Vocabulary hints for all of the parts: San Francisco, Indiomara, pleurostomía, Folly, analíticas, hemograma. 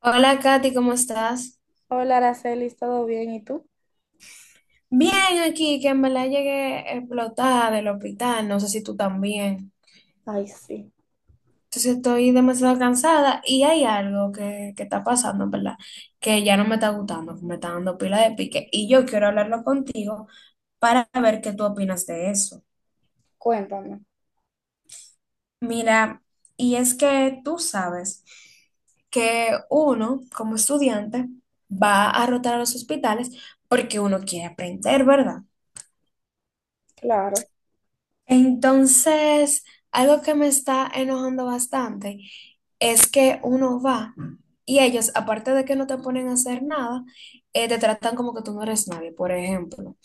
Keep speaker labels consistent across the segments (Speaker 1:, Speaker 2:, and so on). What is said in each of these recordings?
Speaker 1: Hola Katy, ¿cómo estás?
Speaker 2: Hola, Araceli, ¿todo bien? ¿Y tú?
Speaker 1: Bien, aquí, que en verdad llegué explotada del hospital, no sé si tú también.
Speaker 2: Ay, sí,
Speaker 1: Entonces estoy demasiado cansada y hay algo que está pasando, en ¿verdad? Que ya no me está gustando, que me está dando pila de pique y yo quiero hablarlo contigo para ver qué tú opinas de eso.
Speaker 2: cuéntame,
Speaker 1: Mira, y es que tú sabes que uno, como estudiante, va a rotar a los hospitales porque uno quiere aprender, ¿verdad?
Speaker 2: claro.
Speaker 1: Entonces, algo que me está enojando bastante es que uno va y ellos, aparte de que no te ponen a hacer nada, te tratan como que tú no eres nadie. Por ejemplo,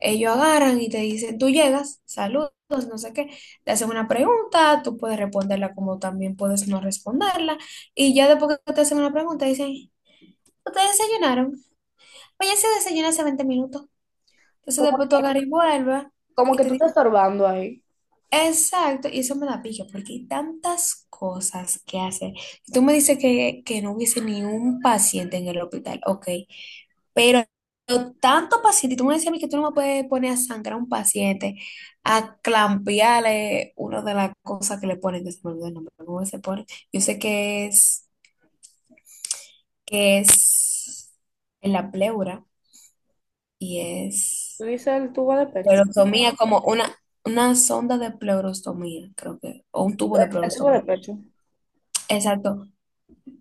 Speaker 1: ellos agarran y te dicen, tú llegas, saludos, no sé qué, te hacen una pregunta, tú puedes responderla como también puedes no responderla. Y ya después que te hacen una pregunta, dicen, ¿ustedes desayunaron? Oye, se desayuna hace 20 minutos. Entonces
Speaker 2: Como
Speaker 1: después tú
Speaker 2: que,
Speaker 1: agarras y vuelves.
Speaker 2: como
Speaker 1: Y
Speaker 2: que
Speaker 1: te
Speaker 2: tú estás estorbando ahí.
Speaker 1: Exacto, y eso me da pique porque hay tantas cosas que hacer. Si tú me dices que no hubiese ni un paciente en el hospital, ok, pero tanto paciente, y tú me decías a mí que tú no me puedes poner a sangrar a un paciente, a clampearle una de las cosas que le ponen, que se me olvidó el nombre, ¿cómo se pone? Yo sé que es en la pleura y
Speaker 2: Tú
Speaker 1: es
Speaker 2: dices el tubo de pecho.
Speaker 1: pleurostomía, como una sonda de pleurostomía, creo que, o un tubo
Speaker 2: El,
Speaker 1: de
Speaker 2: el tubo de
Speaker 1: pleurostomía.
Speaker 2: pecho.
Speaker 1: Exacto.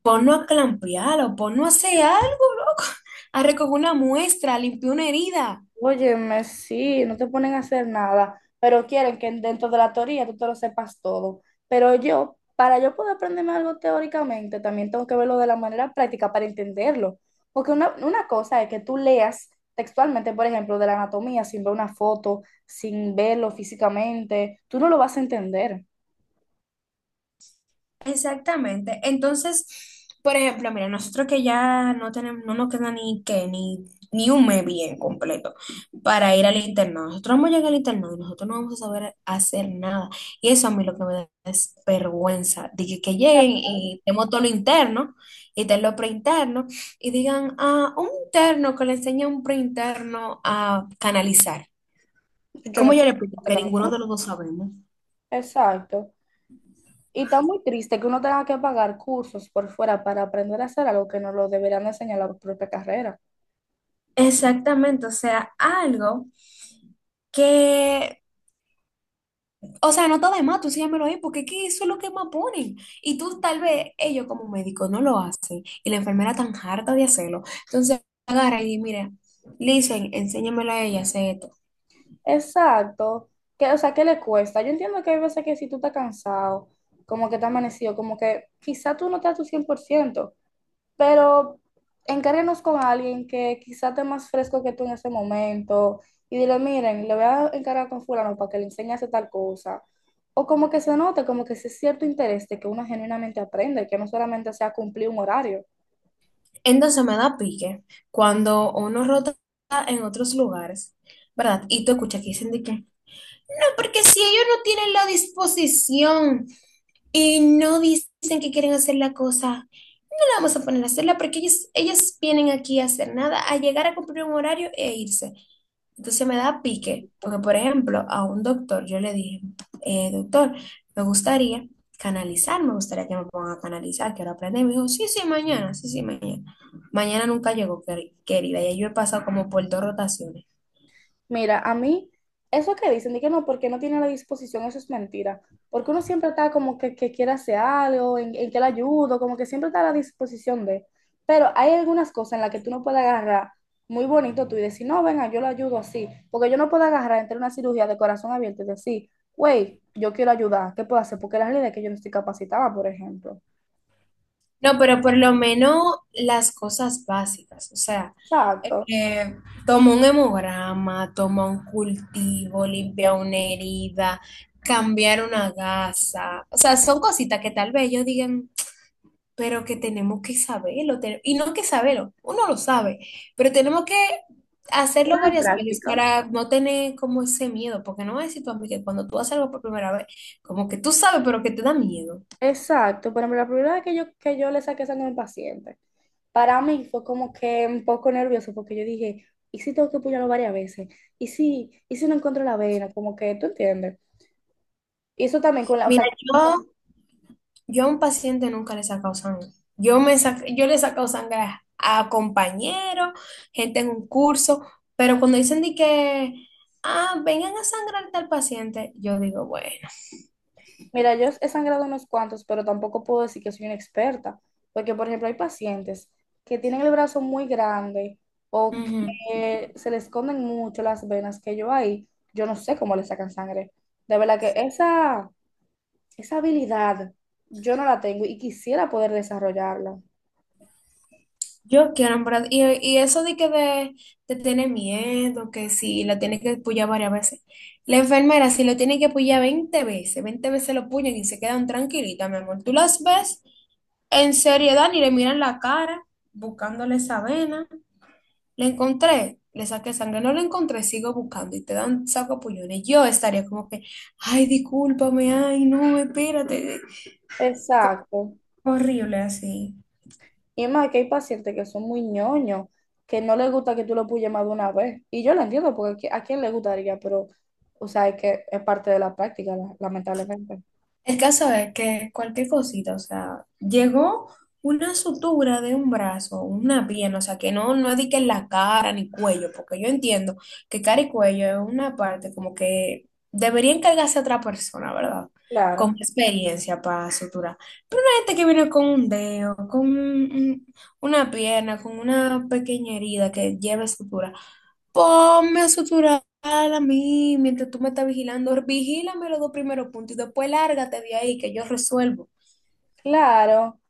Speaker 1: Ponlo a clampear o ponlo a hacer algo, loco. A recoger una muestra, a limpiar una herida.
Speaker 2: Óyeme, sí, no te ponen a hacer nada, pero quieren que dentro de la teoría tú te lo sepas todo. Pero yo, para yo poder aprenderme algo teóricamente, también tengo que verlo de la manera práctica para entenderlo. Porque una cosa es que tú leas textualmente, por ejemplo, de la anatomía sin ver una foto, sin verlo físicamente, tú no lo vas a entender.
Speaker 1: Exactamente. Entonces, por ejemplo, mira, nosotros que ya no tenemos, no nos queda ni que ni, ni un mes bien completo para ir al internado. Nosotros vamos a llegar al internado y nosotros no vamos a saber hacer nada. Y eso a mí lo que me da es vergüenza. De que lleguen y tenemos todo lo interno y tenemos lo preinterno y digan, ah, un interno que le enseña a un preinterno a canalizar.
Speaker 2: Yo
Speaker 1: ¿Cómo
Speaker 2: no.
Speaker 1: yo le explico? Que ninguno de los dos sabemos.
Speaker 2: Exacto. Y está muy triste que uno tenga que pagar cursos por fuera para aprender a hacer algo que no lo deberían enseñar en la propia carrera.
Speaker 1: Exactamente, o sea, algo que, o sea, no está de más, tú sígamelo ahí, porque es que eso es lo que más ponen. Y tú tal vez, ellos como médicos no lo hacen, y la enfermera tan harta de hacerlo. Entonces, agarra y dice, mira, le dicen, enséñamelo a ella, hace esto.
Speaker 2: Exacto. Que, o sea, ¿qué le cuesta? Yo entiendo que hay veces que si tú estás cansado, como que te amanecido, como que quizá tú no estás a tu cien por ciento, pero encárguenos con alguien que quizá esté más fresco que tú en ese momento y dile, miren, le voy a encargar con fulano para que le enseñe a hacer tal cosa. O como que se note, como que ese cierto interés de que uno genuinamente aprende, que no solamente sea cumplir un horario.
Speaker 1: Entonces me da pique cuando uno rota en otros lugares, ¿verdad? Y tú escuchas que dicen de que, no, porque si ellos no tienen la disposición y no dicen que quieren hacer la cosa, vamos a poner a hacerla porque ellas vienen aquí a hacer nada, a llegar a cumplir un horario e irse. Entonces me da pique, porque por ejemplo, a un doctor yo le dije, doctor, me gustaría canalizar, me gustaría que me pongan a canalizar, quiero aprender". Y me dijo, sí, sí, mañana, sí, sí, mañana. Mañana nunca llegó, querida, y yo he pasado como por 2 rotaciones.
Speaker 2: Mira, a mí, eso que dicen, de que no, porque no tiene la disposición, eso es mentira. Porque uno siempre está como que quiere hacer algo, en que le ayudo, como que siempre está a la disposición de. Pero hay algunas cosas en las que tú no puedes agarrar muy bonito tú y decir, no, venga, yo lo ayudo así. Porque yo no puedo agarrar entre una cirugía de corazón abierto y decir, güey, yo quiero ayudar, ¿qué puedo hacer? Porque la realidad es que yo no estoy capacitada, por ejemplo.
Speaker 1: No, pero por lo menos las cosas básicas, o sea,
Speaker 2: Exacto.
Speaker 1: eh, toma un hemograma, toma un cultivo, limpia una herida, cambiar una gasa, o sea, son cositas que tal vez ellos digan, pero que tenemos que saberlo, y no que saberlo, uno lo sabe, pero tenemos que hacerlo
Speaker 2: Pero es
Speaker 1: varias veces
Speaker 2: práctica.
Speaker 1: para no tener como ese miedo, porque no voy a decir tú a mí que cuando tú haces algo por primera vez, como que tú sabes, pero que te da miedo.
Speaker 2: Exacto, por ejemplo, la primera vez que yo le saqué sangre a un paciente, para mí fue como que un poco nervioso porque yo dije, ¿y si tengo que apoyarlo varias veces? ¿Y si no encuentro la vena? Como que, ¿tú entiendes? Y eso también con la, o
Speaker 1: Mira,
Speaker 2: sea,
Speaker 1: yo... A un paciente nunca le he sacado sangre. Yo le he sacado sangre a compañeros, gente en un curso, pero cuando dicen de que, ah, vengan a sangrar al paciente, yo digo, bueno,
Speaker 2: mira, yo he sangrado unos cuantos, pero tampoco puedo decir que soy una experta, porque por ejemplo hay pacientes que tienen el brazo muy grande o
Speaker 1: ujú,
Speaker 2: que se les esconden mucho las venas que yo ahí, yo no sé cómo le sacan sangre. De verdad que esa esa habilidad yo no la tengo y quisiera poder desarrollarla.
Speaker 1: yo quiero, en verdad, y eso de tener miedo, que si la tiene que pullar varias veces. La enfermera, si lo tiene que pullar 20 veces, 20 veces lo puñan y se quedan tranquilitas, mi amor. Tú las ves en seriedad ni le miran la cara, buscándole esa vena. Lo encontré, le saqué sangre, no lo encontré, sigo buscando y te dan saco sacuapullones. Yo estaría como que, ay, discúlpame, ay, no, espérate. Co-
Speaker 2: Exacto.
Speaker 1: Horrible así.
Speaker 2: Y es más que hay pacientes que son muy ñoños, que no les gusta que tú lo puyes más de una vez. Y yo lo entiendo, porque a quién le gustaría, pero, o sea, es que es parte de la práctica, lamentablemente.
Speaker 1: El caso es que cualquier cosita, o sea, llegó una sutura de un brazo, una pierna, o sea, que no, no es de que en la cara ni cuello, porque yo entiendo que cara y cuello es una parte como que debería encargarse a otra persona, ¿verdad? Con
Speaker 2: Claro.
Speaker 1: experiencia para suturar. Gente que viene con un dedo, con una pierna, con una pequeña herida que lleva sutura. Ponme a suturar a mí mientras tú me estás vigilando. Vigílame los dos primeros puntos y después lárgate de ahí que yo resuelvo.
Speaker 2: Claro,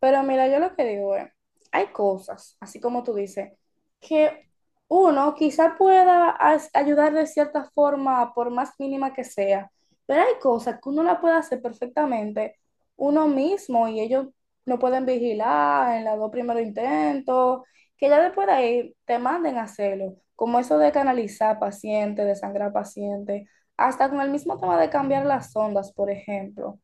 Speaker 2: pero mira, yo lo que digo es, hay cosas, así como tú dices, que uno quizá pueda ayudar de cierta forma, por más mínima que sea, pero hay cosas que uno la puede hacer perfectamente uno mismo y ellos no pueden vigilar en los dos primeros intentos, que ya después de ahí te manden a hacerlo, como eso de canalizar pacientes, de sangrar pacientes, hasta con el mismo tema de cambiar las ondas. Por ejemplo,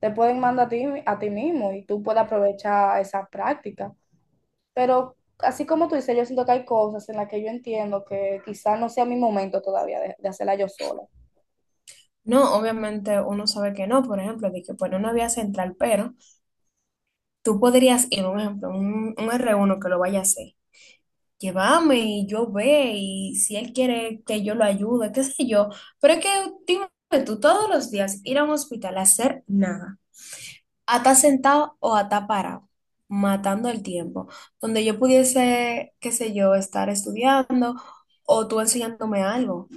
Speaker 2: te pueden mandar a ti mismo, y tú puedes aprovechar esas prácticas. Pero así como tú dices, yo siento que hay cosas en las que yo entiendo que quizás no sea mi momento todavía de hacerla yo sola.
Speaker 1: No, obviamente uno sabe que no, por ejemplo, de que pone una vía central, pero tú podrías ir, un ejemplo, un r uno que lo vaya a hacer. Llévame y yo ve y si él quiere que yo lo ayude, qué sé yo. Pero es que, dime tú, todos los días ir a un hospital a hacer nada, a estar sentado o a estar parado, matando el tiempo, donde yo pudiese, qué sé yo, estar estudiando o tú enseñándome algo.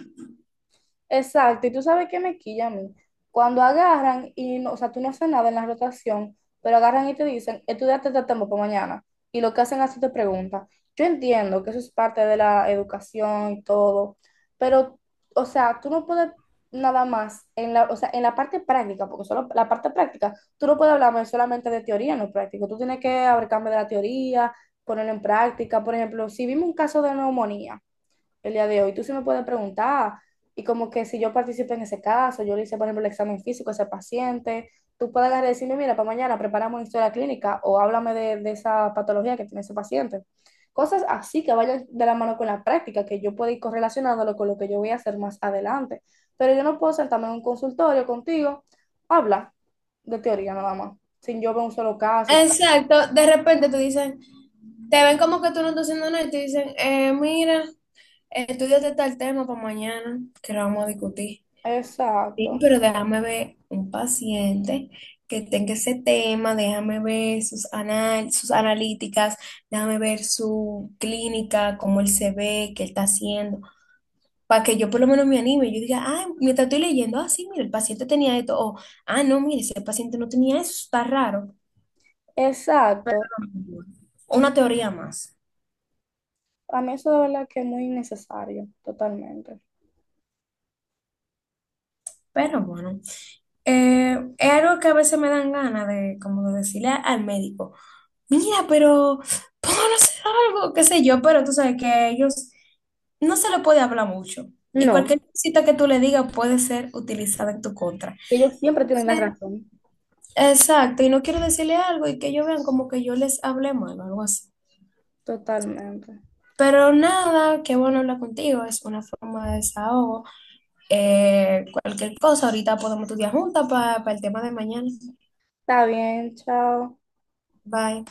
Speaker 2: Exacto, y tú sabes qué me quilla a mí. Cuando agarran y, no, o sea, tú no haces nada en la rotación, pero agarran y te dicen, estudiate este tema para mañana. Y lo que hacen es te preguntan. Yo entiendo que eso es parte de la educación y todo, pero, o sea, tú no puedes nada más, en la, o sea, en la parte práctica, porque solo la parte práctica, tú no puedes hablarme solamente de teoría, no práctico. Tú tienes que hablar de la teoría, ponerlo en práctica. Por ejemplo, si vimos un caso de neumonía, el día de hoy. Tú sí me puedes preguntar y como que si yo participé en ese caso, yo le hice, por ejemplo, el examen físico a ese paciente, tú puedes agarrar y decirme, mira, para mañana preparamos una historia clínica o háblame de esa patología que tiene ese paciente. Cosas así que vayan de la mano con la práctica, que yo pueda ir correlacionándolo con lo que yo voy a hacer más adelante. Pero yo no puedo sentarme en un consultorio contigo, habla de teoría nada más, sin yo ver un solo caso.
Speaker 1: Exacto, de repente tú dicen te ven como que tú no estás haciendo nada y te dicen, mira, estudiate tal tema para mañana que lo vamos a discutir. Sí,
Speaker 2: Exacto,
Speaker 1: pero déjame ver un paciente que tenga ese tema, déjame ver sus analíticas, déjame ver su clínica, cómo él se ve, qué él está haciendo, para que yo por lo menos me anime. Yo diga, ah, mientras estoy leyendo, ah, sí, mira, el paciente tenía esto, o, ah, no, mire, ese paciente no tenía eso, está raro.
Speaker 2: exacto.
Speaker 1: Una teoría más.
Speaker 2: A mí eso de verdad que es muy necesario totalmente.
Speaker 1: Pero bueno, es algo que a veces me dan ganas de, como de decirle al médico. Mira, pero pónganos a hacer algo, qué sé yo, pero tú sabes que ellos no se le puede hablar mucho. Y
Speaker 2: No,
Speaker 1: cualquier cosita que tú le digas puede ser utilizada en tu contra.
Speaker 2: ellos siempre tienen la
Speaker 1: Sí,
Speaker 2: razón,
Speaker 1: exacto, y no quiero decirle algo y que ellos vean como que yo les hablé mal o algo así.
Speaker 2: totalmente.
Speaker 1: Pero nada, qué bueno hablar contigo, es una forma de desahogo. Cualquier cosa, ahorita podemos estudiar juntas para el tema de mañana.
Speaker 2: Está bien, chao.
Speaker 1: Bye.